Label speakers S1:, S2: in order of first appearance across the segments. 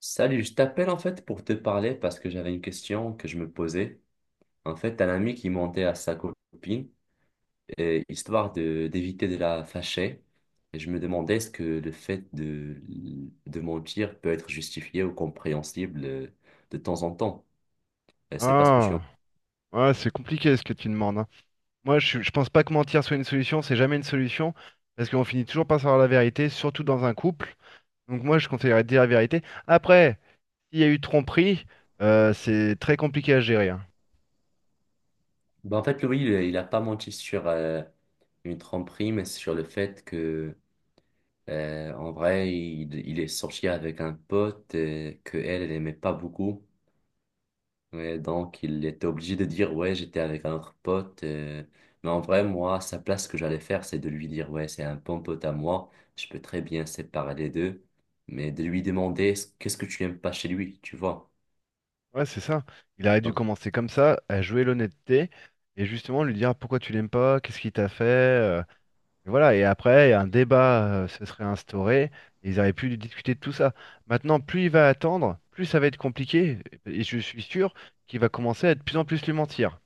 S1: Salut, je t'appelle en fait pour te parler parce que j'avais une question que je me posais. En fait, un ami qui mentait à sa copine, et histoire de d'éviter de la fâcher. Et je me demandais est-ce que le fait de mentir peut être justifié ou compréhensible de temps en temps. C'est pas ce que je suis en...
S2: Ah, ouais, c'est compliqué ce que tu demandes, hein. Moi, je pense pas que mentir soit une solution, c'est jamais une solution, parce qu'on finit toujours par savoir la vérité, surtout dans un couple. Donc moi, je conseillerais de dire la vérité. Après, s'il y a eu tromperie, c'est très compliqué à gérer, hein.
S1: Bah en fait, Louis, il a pas menti sur une tromperie, mais sur le fait que, en vrai, il est sorti avec un pote que elle, elle aimait pas beaucoup. Ouais, donc il était obligé de dire ouais, j'étais avec un autre pote. Mais en vrai, moi, sa place, ce que j'allais faire, c'est de lui dire ouais, c'est un bon pote à moi. Je peux très bien séparer les deux. Mais de lui demander qu'est-ce que tu n'aimes pas chez lui, tu vois.
S2: Ouais, c'est ça. Il aurait dû
S1: Donc,
S2: commencer comme ça, à jouer l'honnêteté, et justement lui dire pourquoi tu l'aimes pas, qu'est-ce qu'il t'a fait. Et voilà, et après, un débat se serait instauré, et ils auraient pu discuter de tout ça. Maintenant, plus il va attendre, plus ça va être compliqué, et je suis sûr qu'il va commencer à de plus en plus lui mentir.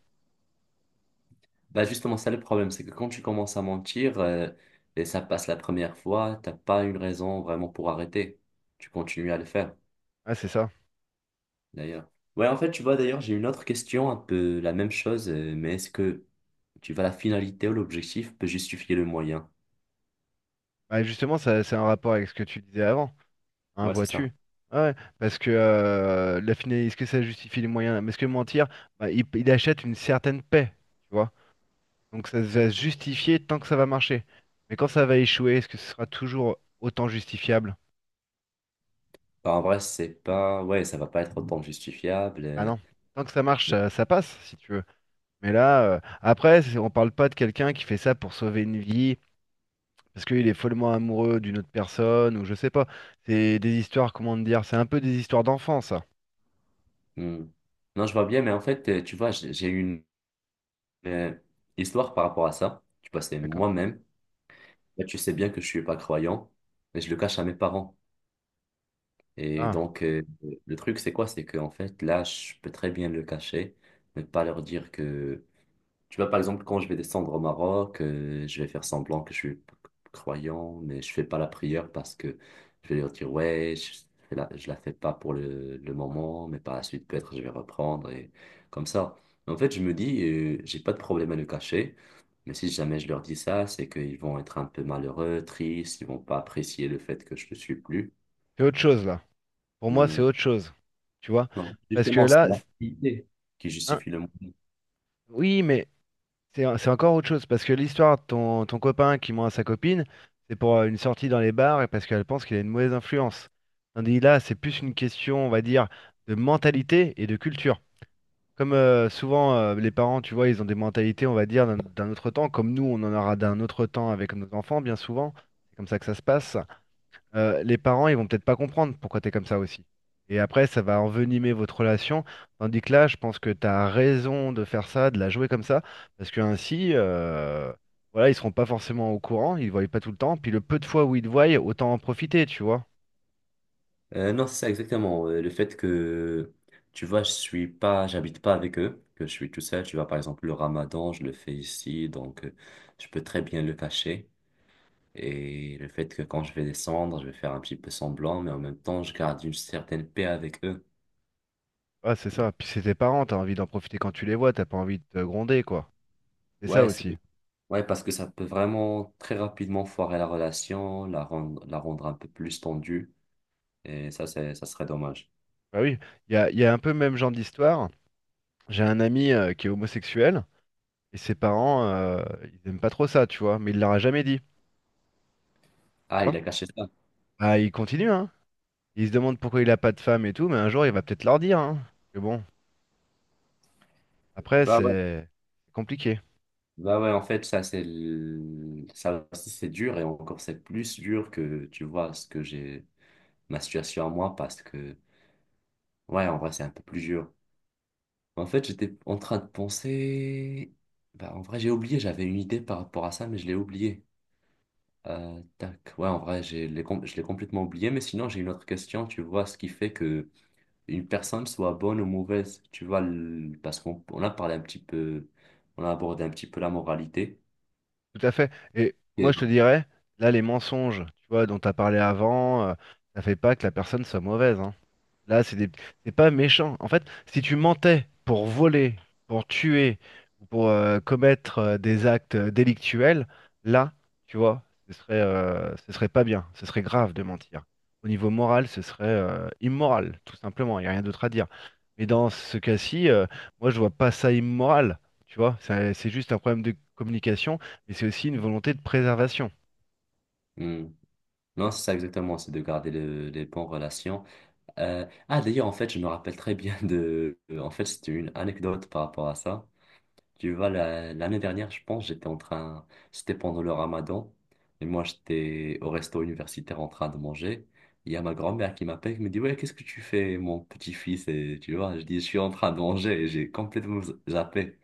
S1: bah justement, ça le problème, c'est que quand tu commences à mentir et ça passe la première fois, t'as pas une raison vraiment pour arrêter. Tu continues à le faire.
S2: Ah, c'est ça.
S1: D'ailleurs. Ouais, en fait, tu vois, d'ailleurs, j'ai une autre question, un peu la même chose, mais est-ce que tu vois la finalité ou l'objectif peut justifier le moyen?
S2: Bah, justement, ça, c'est un rapport avec ce que tu disais avant, hein,
S1: Ouais, c'est ça.
S2: vois-tu? Ouais, ouais, parce que la finalité, est-ce que ça justifie les moyens? Mais est-ce que mentir, bah, il achète une certaine paix, tu vois? Donc ça va se justifier tant que ça va marcher. Mais quand ça va échouer, est-ce que ce sera toujours autant justifiable?
S1: Bah, en vrai, c'est pas. Ouais, ça va pas être autant justifiable.
S2: Bah non, tant que ça marche,
S1: Mais-
S2: ça passe, si tu veux. Mais là, après, on parle pas de quelqu'un qui fait ça pour sauver une vie, parce qu'il est follement amoureux d'une autre personne, ou je sais pas. C'est des histoires, comment te dire, c'est un peu des histoires d'enfants, ça.
S1: Hmm. Non, je vois bien, mais en fait, tu vois, j'ai eu une euh, histoire par rapport à ça. Tu vois, c'est
S2: D'accord.
S1: moi-même. Là, tu sais bien que je suis pas croyant, mais je le cache à mes parents. Et
S2: Ah,
S1: donc, le truc, c'est quoi? C'est que en fait, là, je peux très bien le cacher, mais pas leur dire que. Tu vois, par exemple, quand je vais descendre au Maroc, je vais faire semblant que je suis croyant, mais je fais pas la prière parce que je vais leur dire, ouais, je, fais la, je la fais pas pour le moment, mais par la suite, peut-être, je vais reprendre et comme ça. Mais en fait, je me dis, j'ai pas de problème à le cacher, mais si jamais je leur dis ça, c'est qu'ils vont être un peu malheureux, tristes, ils vont pas apprécier le fait que je ne suis plus.
S2: c'est autre chose, là. Pour moi, c'est
S1: Hmm.
S2: autre chose. Tu vois?
S1: Non,
S2: Parce que
S1: justement, c'est
S2: là,
S1: l'activité qui
S2: hein,
S1: justifie le monde.
S2: oui, mais c'est encore autre chose, parce que l'histoire de ton copain qui ment à sa copine, c'est pour une sortie dans les bars et parce qu'elle pense qu'il a une mauvaise influence. Tandis là, c'est plus une question, on va dire, de mentalité et de culture. Comme souvent, les parents, tu vois, ils ont des mentalités, on va dire, d'un autre temps, comme nous, on en aura d'un autre temps avec nos enfants, bien souvent. C'est comme ça que ça se passe. Les parents, ils vont peut-être pas comprendre pourquoi tu es comme ça aussi. Et après, ça va envenimer votre relation. Tandis que là, je pense que tu as raison de faire ça, de la jouer comme ça, parce que ainsi, voilà, ils seront pas forcément au courant, ils ne voient pas tout le temps. Puis le peu de fois où ils te voient, autant en profiter, tu vois.
S1: Non, c'est ça exactement. Le fait que, tu vois, je suis pas, j'habite pas avec eux, que je suis tout seul. Tu vois, par exemple, le ramadan, je le fais ici, donc je peux très bien le cacher. Et le fait que quand je vais descendre, je vais faire un petit peu semblant, mais en même temps, je garde une certaine paix avec eux.
S2: Ah, c'est
S1: Mm.
S2: ça. Puis c'est tes parents, t'as envie d'en profiter quand tu les vois, t'as pas envie de te gronder, quoi. C'est ça
S1: Ouais, c'est,
S2: aussi.
S1: ouais, parce que ça peut vraiment très rapidement foirer la relation, la rendre un peu plus tendue. Et ça, c'est, ça serait dommage.
S2: Bah oui, il y a un peu le même genre d'histoire. J'ai un ami qui est homosexuel, et ses parents, ils aiment pas trop ça, tu vois, mais il leur a jamais dit, tu
S1: Ah,
S2: vois.
S1: il a caché ça.
S2: Ah, il continue, hein. Il se demande pourquoi il a pas de femme et tout, mais un jour, il va peut-être leur dire, hein. Que bon, après,
S1: Bah ouais.
S2: c'est compliqué.
S1: Bah ouais, en fait, ça, c'est le- ça aussi, c'est dur et encore, c'est plus dur que, tu vois, ce que j'ai, ma situation à moi parce que, ouais, en vrai, c'est un peu plus dur. En fait, j'étais en train de penser, bah, en vrai, j'ai oublié, j'avais une idée par rapport à ça, mais je l'ai oublié. Tac, ouais, en vrai, je l'ai complètement oublié, mais sinon, j'ai une autre question, tu vois, ce qui fait que une personne soit bonne ou mauvaise, tu vois, le- parce qu'on a parlé un petit peu, on a abordé un petit peu la moralité.
S2: Tout à fait. Et moi, je te
S1: Ok.
S2: dirais, là, les mensonges, tu vois, dont tu as parlé avant, ça fait pas que la personne soit mauvaise, hein. Là, c'est des... c'est pas méchant. En fait, si tu mentais pour voler, pour tuer, ou pour commettre des actes délictuels, là, tu vois, ce serait pas bien, ce serait grave de mentir. Au niveau moral, ce serait immoral, tout simplement. Il n'y a rien d'autre à dire. Mais dans ce cas-ci, moi, je vois pas ça immoral. Tu vois, c'est juste un problème de communication, mais c'est aussi une volonté de préservation.
S1: Hmm. Non, c'est ça exactement, c'est de garder le- les bonnes relations. Ah, d'ailleurs, en fait, je me rappelle très bien de... En fait, c'était une anecdote par rapport à ça. Tu vois, la- l'année dernière, je pense, j'étais en train... C'était pendant le ramadan. Et moi, j'étais au resto universitaire en train de manger. Il y a ma grand-mère qui m'appelle, qui me dit, «Ouais, qu'est-ce que tu fais, mon petit-fils?» Et tu vois, je dis, «Je suis en train de manger» et j'ai complètement zappé.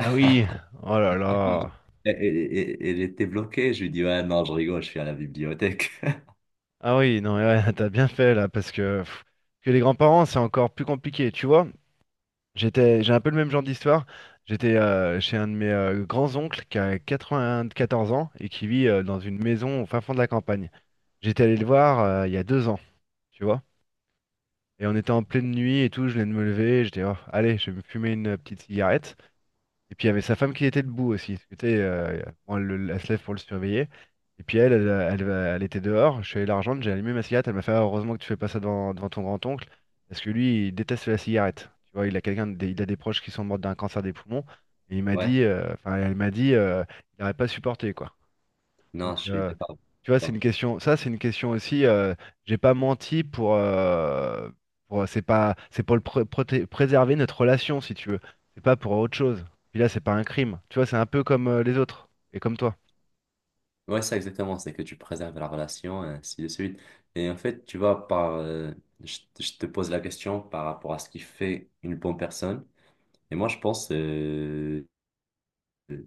S2: Ah oui, oh là là.
S1: Elle était bloquée. Je lui dis, «Ouais, non, je rigole, je suis à la bibliothèque.»
S2: Ah oui, non, ouais, t'as bien fait là, parce que, pff, que les grands-parents, c'est encore plus compliqué, tu vois. J'étais, j'ai un peu le même genre d'histoire. J'étais chez un de mes grands-oncles qui a 94 ans et qui vit dans une maison au fin fond de la campagne. J'étais allé le voir il y a 2 ans, tu vois. Et on était en pleine nuit et tout, je venais de me lever, j'étais, oh, allez, je vais me fumer une petite cigarette. Et puis il y avait sa femme qui était debout aussi, parce que, tu sais, bon, elle se lève pour le surveiller. Et puis elle était dehors. Je suis allé la rejoindre, j'ai allumé ma cigarette. Elle m'a fait: ah, heureusement que tu fais pas ça devant ton grand-oncle. Parce que lui, il déteste la cigarette. Tu vois, il a il a des proches qui sont morts d'un cancer des poumons. Et il m'a
S1: Ouais,
S2: dit, elle m'a dit, il n'aurait pas supporté, quoi.
S1: non,
S2: Donc,
S1: je suis d'accord.
S2: tu vois, c'est une question. Ça, c'est une question aussi. J'ai pas menti pour. Pour- c'est pas. C'est pour le préserver notre relation, si tu veux. C'est pas pour autre chose. Puis là, c'est pas un crime. Tu vois, c'est un peu comme les autres et comme toi.
S1: Ouais, ça exactement, c'est que tu préserves la relation, et ainsi de suite. Et en fait, tu vois, par, je te pose la question par rapport à ce qui fait une bonne personne. Et moi, je pense, euh,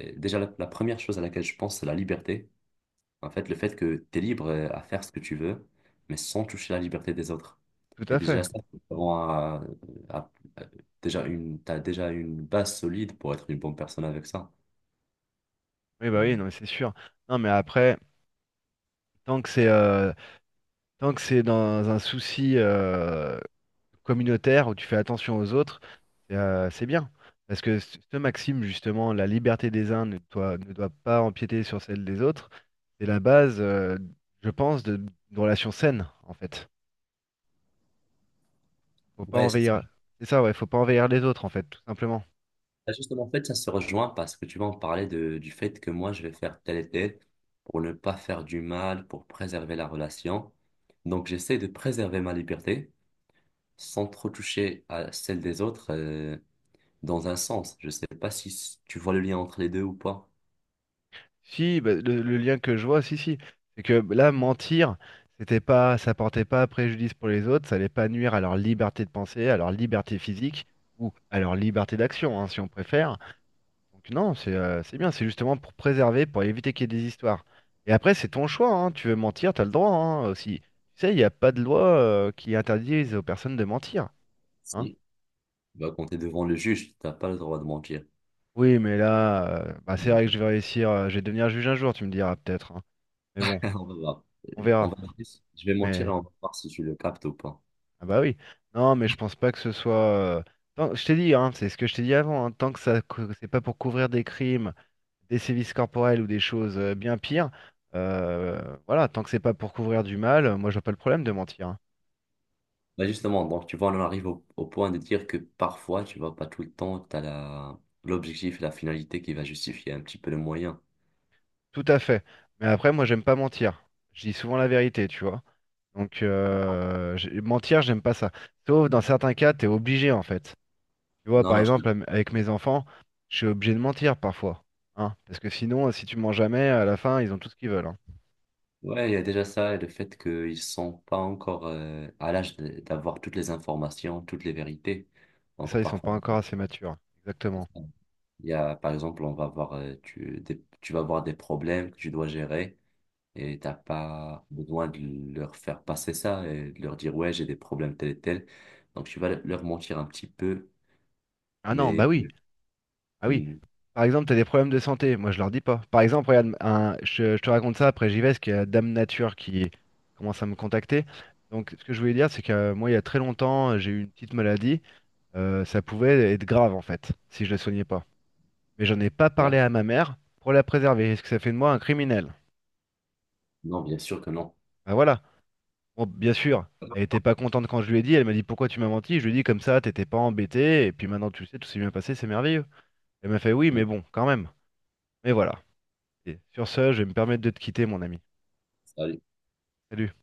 S1: déjà, la première chose à laquelle je pense, c'est la liberté. En fait, le fait que tu es libre à faire ce que tu veux, mais sans toucher la liberté des autres.
S2: Tout
S1: Et
S2: à fait.
S1: déjà, ça, c'est vraiment à- à- euh, déjà une, t'as déjà une base solide pour être une bonne personne avec ça.
S2: Oui, bah oui, non,
S1: Mm.
S2: mais c'est sûr. Non, mais après, tant que c'est euh, tant que c'est dans un souci, communautaire où tu fais attention aux autres, c'est bien. Parce que ce maxime, justement, la liberté des uns ne doit pas empiéter sur celle des autres, c'est la base, je pense, d'une relation saine, en fait. Faut pas
S1: Ouais, c'est
S2: envahir. C'est ça, ouais, faut pas envahir les autres, en fait, tout simplement.
S1: bah, justement, en fait, ça se rejoint parce que tu vas en parler de, du fait que moi, je vais faire tel et tel pour ne pas faire du mal, pour préserver la relation. Donc, j'essaie de préserver ma liberté sans trop toucher à celle des autres dans un sens. Je sais pas si s- tu vois le lien entre les deux ou pas.
S2: Si, bah, le lien que je vois, si, si, c'est que là, mentir, c'était pas, ça portait pas préjudice pour les autres, ça allait pas nuire à leur liberté de penser, à leur liberté physique, ou à leur liberté d'action, hein, si on préfère. Donc non, c'est bien, c'est justement pour préserver, pour éviter qu'il y ait des histoires. Et après, c'est ton choix, hein. Tu veux mentir, t'as le droit, hein, aussi. Tu sais, il n'y a pas de loi qui interdise aux personnes de mentir, hein.
S1: Si, bah, quand tu es devant le juge, tu n'as pas le droit de mentir.
S2: Oui, mais là, bah, c'est vrai que je vais réussir, je vais devenir juge un jour, tu me diras peut-être, hein. Mais bon,
S1: On va voir.
S2: on
S1: On
S2: verra.
S1: va voir. Je vais mentir et
S2: Mais
S1: on va voir si tu le captes ou pas.
S2: Ah bah oui. Non, mais je pense pas que ce soit. Je t'ai dit, hein, c'est ce que je t'ai dit avant, hein, tant que ça, c'est pas pour couvrir des crimes, des sévices corporels ou des choses bien pires, voilà, tant que c'est pas pour couvrir du mal, moi je vois pas le problème de mentir, hein.
S1: Bah, justement, donc tu vois, on en arrive au, au point de dire que parfois, tu vois, pas tout le temps, tu as la, l'objectif et la finalité qui va justifier un petit peu le moyen.
S2: Tout à fait. Mais après, moi j'aime pas mentir. Je dis souvent la vérité, tu vois. Donc mentir, j'aime pas ça. Sauf dans certains cas, t'es obligé en fait. Tu vois,
S1: Non,
S2: par
S1: non,
S2: exemple,
S1: je-
S2: avec mes enfants, je suis obligé de mentir parfois. Hein, parce que sinon, si tu mens jamais, à la fin, ils ont tout ce qu'ils veulent, hein.
S1: ouais, il y a déjà ça et le fait qu'ils sont pas encore à l'âge de- d'avoir toutes les informations, toutes les vérités.
S2: C'est ça,
S1: Donc
S2: ils sont pas
S1: parfois,
S2: encore assez matures. Exactement.
S1: il y a, par exemple, on va avoir, tu, des- tu vas avoir des problèmes que tu dois gérer et t'as pas besoin de leur faire passer ça et de leur dire, ouais, j'ai des problèmes tels et tels. Donc tu vas leur mentir un petit peu
S2: Ah non,
S1: mais,
S2: bah oui. Ah oui.
S1: mm,
S2: Par exemple, t'as des problèmes de santé. Moi, je leur dis pas. Par exemple, regarde, je te raconte ça, après j'y vais, parce qu'il y a Dame Nature qui commence à me contacter. Donc, ce que je voulais dire, c'est que moi, il y a très longtemps, j'ai eu une petite maladie. Ça pouvait être grave, en fait, si je la soignais pas. Mais j'en ai pas
S1: ouais,
S2: parlé à ma mère pour la préserver. Est-ce que ça fait de moi un criminel?
S1: non, bien sûr que non.
S2: Bah voilà. Bon, bien sûr, elle était pas contente quand je lui ai dit. Elle m'a dit, pourquoi tu m'as menti? Je lui ai dit, comme ça, t'étais pas embêté. Et puis maintenant, tu le sais, tout s'est bien passé, c'est merveilleux. Elle m'a fait oui, mais bon, quand même. Mais voilà. Et sur ce, je vais me permettre de te quitter, mon ami.
S1: Salut.
S2: Salut.